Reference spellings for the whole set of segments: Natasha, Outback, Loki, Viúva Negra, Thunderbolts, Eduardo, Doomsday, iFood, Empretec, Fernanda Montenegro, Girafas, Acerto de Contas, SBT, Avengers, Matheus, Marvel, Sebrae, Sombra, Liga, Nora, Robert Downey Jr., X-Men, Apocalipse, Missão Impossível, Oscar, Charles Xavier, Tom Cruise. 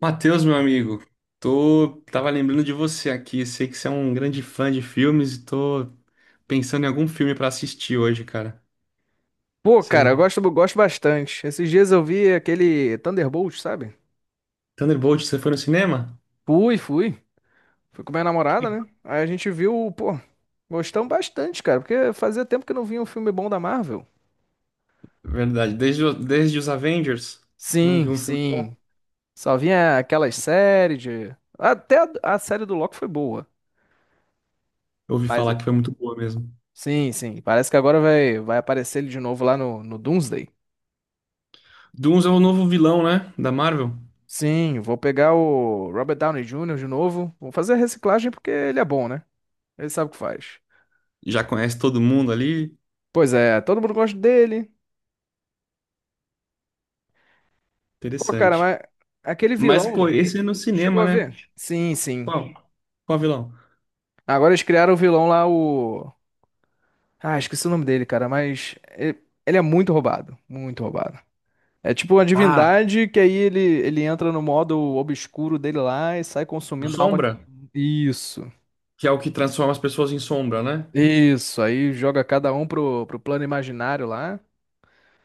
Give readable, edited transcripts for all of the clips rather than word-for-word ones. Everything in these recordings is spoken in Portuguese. Matheus, meu amigo, tô tava lembrando de você aqui. Sei que você é um grande fã de filmes e tô pensando em algum filme pra assistir hoje, cara. Pô, cara, Você eu gosto bastante. Esses dias eu vi aquele Thunderbolt, sabe? Thunderbolt, você foi no cinema? Fui. Fui com minha namorada, né? Legal. Aí a gente viu, pô, gostamos bastante, cara, porque fazia tempo que não vinha um filme bom da Marvel. Verdade. Desde os Avengers, não vi Sim, um filme sim. bom. Só vinha aquelas séries de. Até a série do Loki foi boa. Eu ouvi Mas, falar que foi muito boa mesmo. sim, sim. Parece que agora vai aparecer ele de novo lá no Doomsday. Doomsday é o novo vilão, né, da Marvel. Sim, vou pegar o Robert Downey Jr. de novo. Vou fazer a reciclagem porque ele é bom, né? Ele sabe o que faz. Já conhece todo mundo ali. Pois é, todo mundo gosta dele. Pô, cara, Interessante. mas aquele Mas pô, vilão, esse é no tu chegou cinema, a né? ver? Sim, sim. Qual? Qual vilão? Agora eles criaram o vilão lá, o. Ah, esqueci o nome dele, cara, mas ele é muito roubado. Muito roubado. É tipo uma Ah, divindade que aí ele entra no modo obscuro dele lá e sai o consumindo a alma de todo Sombra, mundo. Isso. que é o que transforma as pessoas em sombra, né? Isso. Aí joga cada um pro plano imaginário lá.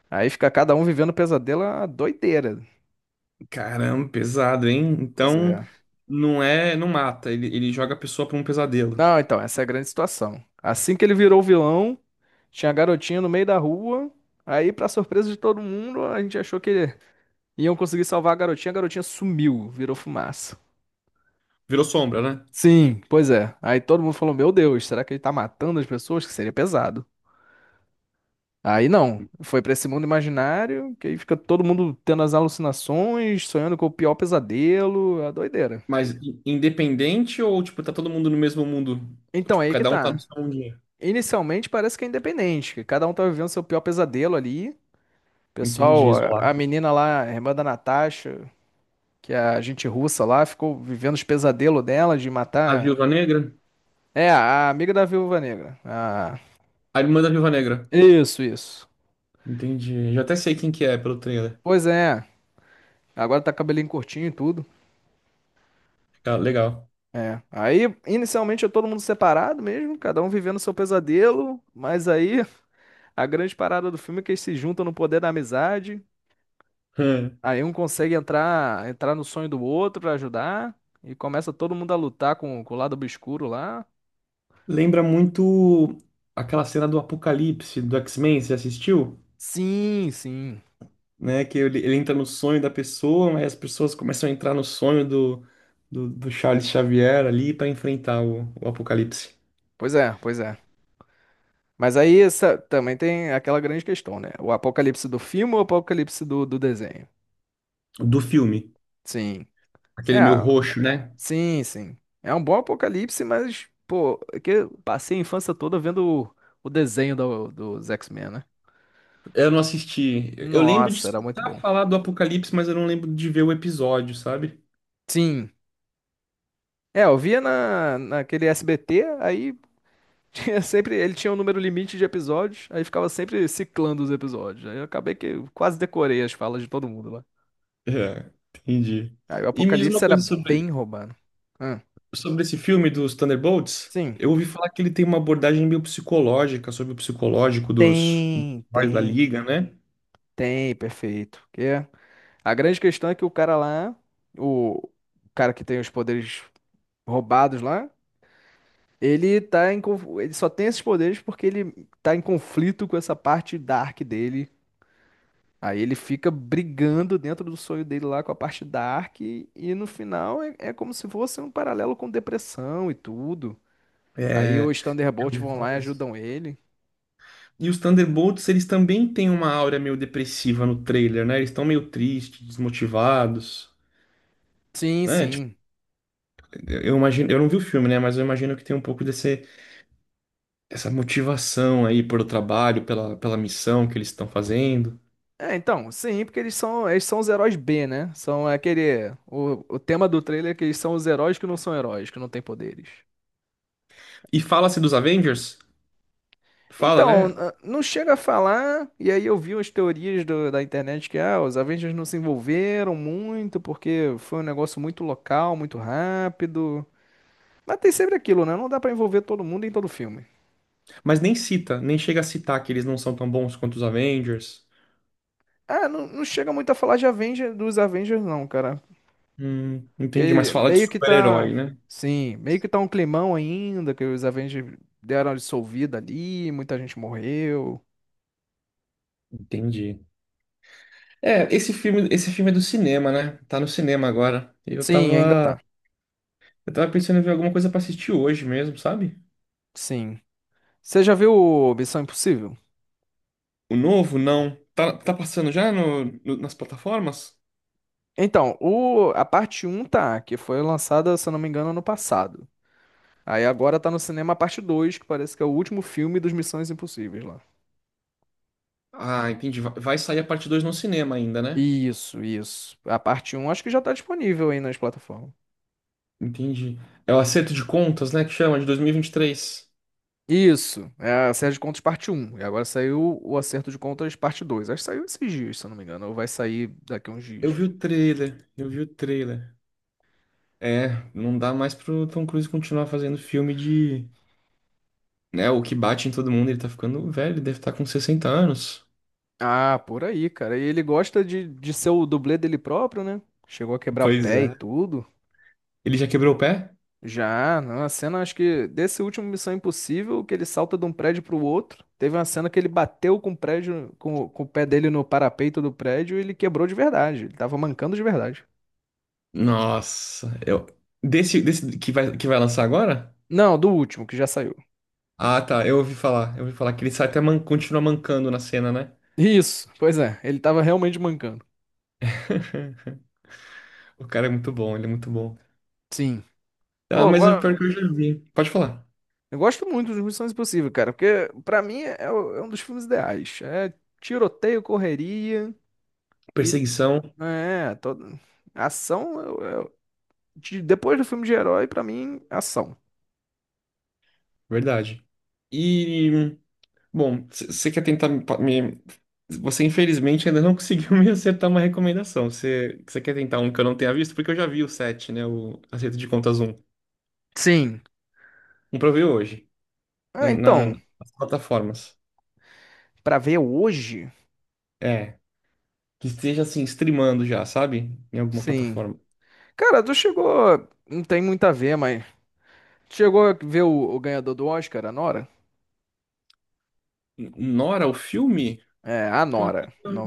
Aí fica cada um vivendo pesadelo, a doideira. Caramba, pesado, hein? Pois Então é. não é, não mata, ele joga a pessoa pra um pesadelo. Não, então, essa é a grande situação. Assim que ele virou vilão, tinha a garotinha no meio da rua. Aí, pra surpresa de todo mundo, a gente achou que iam conseguir salvar a garotinha. A garotinha sumiu, virou fumaça. Virou sombra, né? Sim, pois é. Aí todo mundo falou: Meu Deus, será que ele tá matando as pessoas? Que seria pesado. Aí não, foi pra esse mundo imaginário, que aí fica todo mundo tendo as alucinações, sonhando com o pior pesadelo, a doideira. Mas independente, ou tipo tá todo mundo no mesmo mundo? Ou, Então, tipo, aí que cada um tá no tá. seu mundinho. Inicialmente parece que é independente, que cada um tá vivendo seu pior pesadelo ali. Entendi, Pessoal, a isolado. menina lá, a irmã da Natasha, que é a gente russa lá, ficou vivendo os pesadelos dela de A matar. Viúva Negra? É, a amiga da Viúva Negra. Ah, A irmã da Viúva Negra. isso, isso. Entendi. Já até sei quem que é pelo trailer. Pois é, agora tá cabelinho curtinho e tudo. Ah, legal. É. Aí, inicialmente, é todo mundo separado mesmo, cada um vivendo seu pesadelo, mas aí a grande parada do filme é que eles se juntam no poder da amizade. Hum. Aí um consegue entrar no sonho do outro pra ajudar. E começa todo mundo a lutar com o lado obscuro lá. Lembra muito aquela cena do Apocalipse do X-Men, você assistiu? Sim, sim. Né? Que ele entra no sonho da pessoa, mas as pessoas começam a entrar no sonho do Charles Xavier ali para enfrentar o apocalipse Pois é. Mas aí essa, também tem aquela grande questão, né? O apocalipse do filme ou o apocalipse do desenho? do filme. Sim. É, Aquele meu roxo, né? sim, sim. É um bom apocalipse, mas, pô, é que eu passei a infância toda vendo o, o desenho do, dos X-Men, né? Eu não assisti. Eu lembro de Nossa, era muito escutar bom. falar do apocalipse, mas eu não lembro de ver o episódio, sabe? Sim. É, eu via naquele SBT, aí tinha sempre, ele tinha um número limite de episódios, aí ficava sempre ciclando os episódios. Aí eu acabei que eu quase decorei as falas de todo mundo lá. É, entendi. Aí o E me diz Apocalipse uma era coisa sobre, bem romano. Ah, sobre esse filme dos Thunderbolts. sim. Eu ouvi falar que ele tem uma abordagem meio psicológica sobre o psicológico dos Tem, heróis da tem, Liga, né? tem, perfeito. Porque a grande questão é que o cara lá, o cara que tem os poderes roubados lá, ele tá em, ele só tem esses poderes porque ele tá em conflito com essa parte dark dele. Aí ele fica brigando dentro do sonho dele lá com a parte dark e no final é como se fosse um paralelo com depressão e tudo. Aí É, os eu Thunderbolts ouvi vão falar lá e isso. ajudam ele. E os Thunderbolts, eles também têm uma aura meio depressiva no trailer, né? Eles estão meio tristes, desmotivados, Sim, né? Tipo, sim. eu imagino, eu não vi o filme, né? Mas eu imagino que tem um pouco desse, essa motivação aí pelo trabalho, pela missão que eles estão fazendo. É, então, sim, porque eles são os heróis B, né? São aquele. O tema do trailer é que eles são os heróis que não são heróis, que não têm poderes. E fala-se dos Avengers, fala, Então, né? Não chega a falar, e aí eu vi umas teorias da internet que ah, os Avengers não se envolveram muito, porque foi um negócio muito local, muito rápido. Mas tem sempre aquilo, né? Não dá pra envolver todo mundo em todo filme. Mas nem cita, nem chega a citar que eles não são tão bons quanto os Avengers. Ah, não, não chega muito a falar de Avengers, dos Avengers, não, cara. Entendi, mas Que fala de meio que tá. super-herói, né? Sim, meio que tá um climão ainda, que os Avengers deram uma dissolvida ali, muita gente morreu. Entendi. É, esse filme é do cinema, né? Tá no cinema agora. Eu Sim, ainda tava tá. Eu tava pensando em ver alguma coisa pra assistir hoje mesmo, sabe? Sim. Você já viu o Missão Impossível? O novo, não. Tá passando já nas plataformas? Então, o, a parte um tá, que foi lançada, se eu não me engano, ano passado. Aí agora tá no cinema a parte 2 que parece que é o último filme dos Missões Impossíveis lá. Ah, entendi. Vai sair a parte 2 no cinema ainda, né? Isso, isso. A parte um acho que já tá disponível aí nas plataformas. Entendi. É o acerto de contas, né? Que chama, de dois mil e vinte e três. Isso, é a série de contas parte um E agora saiu o acerto de contas parte 2. Acho que saiu esses dias, se eu não me engano. Ou vai sair daqui a uns Eu dias. vi o trailer, eu vi o trailer. É, não dá mais pro Tom Cruise continuar fazendo filme de... Né, o que bate em todo mundo, ele tá ficando velho, ele deve estar com 60 anos. Ah, por aí, cara. E ele gosta de ser o dublê dele próprio, né? Chegou a quebrar o Pois pé e é. tudo. Ele já quebrou o pé? Já, não. A cena, acho que desse último Missão Impossível, que ele salta de um prédio pro outro. Teve uma cena que ele bateu com o prédio, com o pé dele no parapeito do prédio e ele quebrou de verdade. Ele tava mancando de verdade. Nossa, eu... Desse que vai lançar agora? Não, do último, que já saiu. Ah, tá. Eu ouvi falar. Eu ouvi falar que ele sai até man... continua mancando na cena, né? Isso, pois é, ele tava realmente mancando. O cara é muito bom, ele é muito bom. Sim. Ah, Pô, eu, mas o pior go- que eu já vi. Pode falar. eu gosto muito de Missão Impossível, cara, porque pra mim é um dos filmes ideais. É tiroteio, correria e Perseguição, é, todo... ação. Depois do filme de herói, pra mim, ação. verdade. E, bom, você quer tentar Você, infelizmente, ainda não conseguiu me acertar uma recomendação. Você quer tentar um que eu não tenha visto? Porque eu já vi o 7, né? O Acerto de Contas um. Sim. Um pra eu ver hoje, Ah, então, nas plataformas. pra ver hoje? É, que esteja, assim, streamando já, sabe? Em alguma Sim. plataforma. Cara, tu chegou. Não tem muito a ver, mas. Chegou a ver o ganhador do Oscar, a Nora? Nora, o filme? É, a Pior Nora. que não.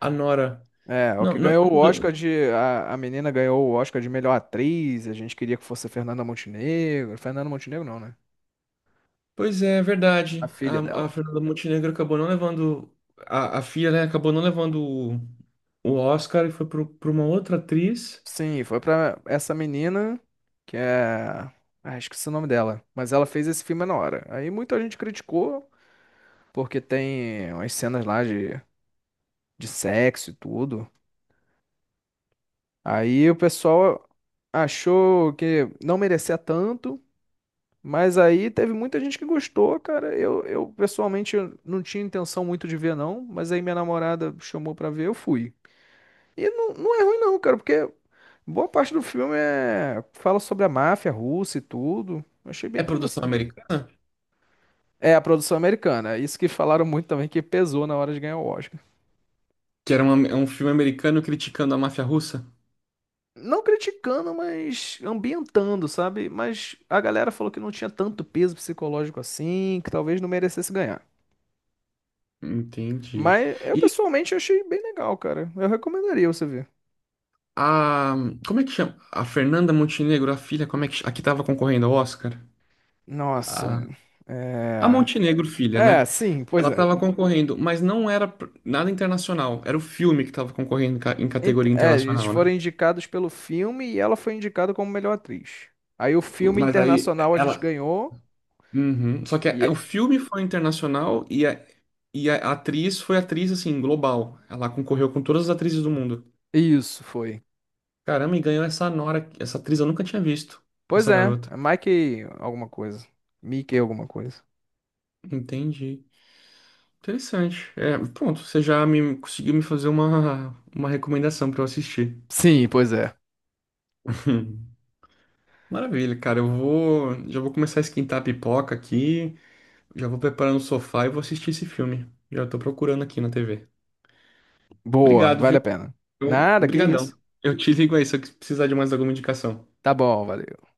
A Nora. É, o Não, que ganhou o não deu. Oscar de. A menina ganhou o Oscar de melhor atriz. A gente queria que fosse a Fernanda Montenegro. Fernanda Montenegro não, né? Pois é, é A verdade. filha A dela. Fernanda Montenegro acabou não levando. A filha, né? Acabou não levando o, o Oscar, e foi para uma outra atriz. Sim, foi pra essa menina, que é. Ah, esqueci o nome dela. Mas ela fez esse filme na hora. Aí muita gente criticou, porque tem umas cenas lá de sexo e tudo. Aí o pessoal achou que não merecia tanto. Mas aí teve muita gente que gostou, cara. Eu pessoalmente eu não tinha intenção muito de ver, não. Mas aí minha namorada chamou pra ver, eu fui. E não, não é ruim, não, cara, porque boa parte do filme é... fala sobre a máfia russa e tudo. Eu Achei bem É produção interessante. americana? É, a produção americana. Isso que falaram muito também que pesou na hora de ganhar o Oscar. Que era é um filme americano criticando a máfia russa? Não criticando, mas ambientando, sabe? Mas a galera falou que não tinha tanto peso psicológico assim, que talvez não merecesse ganhar. Entendi. Mas eu E pessoalmente achei bem legal, cara. Eu recomendaria você ver. a. Como é que chama? A Fernanda Montenegro, a filha, como é que. A que tava concorrendo ao Oscar? Nossa. A, a É. Montenegro, filha, né? É, sim, Ela pois é. estava concorrendo, mas não era nada internacional. Era o filme que estava concorrendo em em categoria É, eles internacional, né? foram indicados pelo filme e ela foi indicada como melhor atriz. Aí o filme Mas aí internacional a gente ela. ganhou. Uhum. Só que E o é- filme foi internacional e a atriz foi atriz, assim, global. Ela concorreu com todas as atrizes do mundo. Isso foi. Caramba, e ganhou essa Nora. Essa atriz eu nunca tinha visto. Pois Essa é, garota. é Mike alguma coisa. Mickey alguma coisa. Entendi. Interessante. É, pronto, você já me conseguiu me fazer uma recomendação para eu assistir. Sim, pois é. Maravilha, cara. Eu vou. Já vou começar a esquentar a pipoca aqui. Já vou preparando o sofá e vou assistir esse filme. Já tô procurando aqui na TV. Boa, Obrigado, vale viu? a pena. Eu, Nada, que brigadão. isso. Eu te ligo aí se eu precisar de mais alguma indicação. Tá bom, valeu.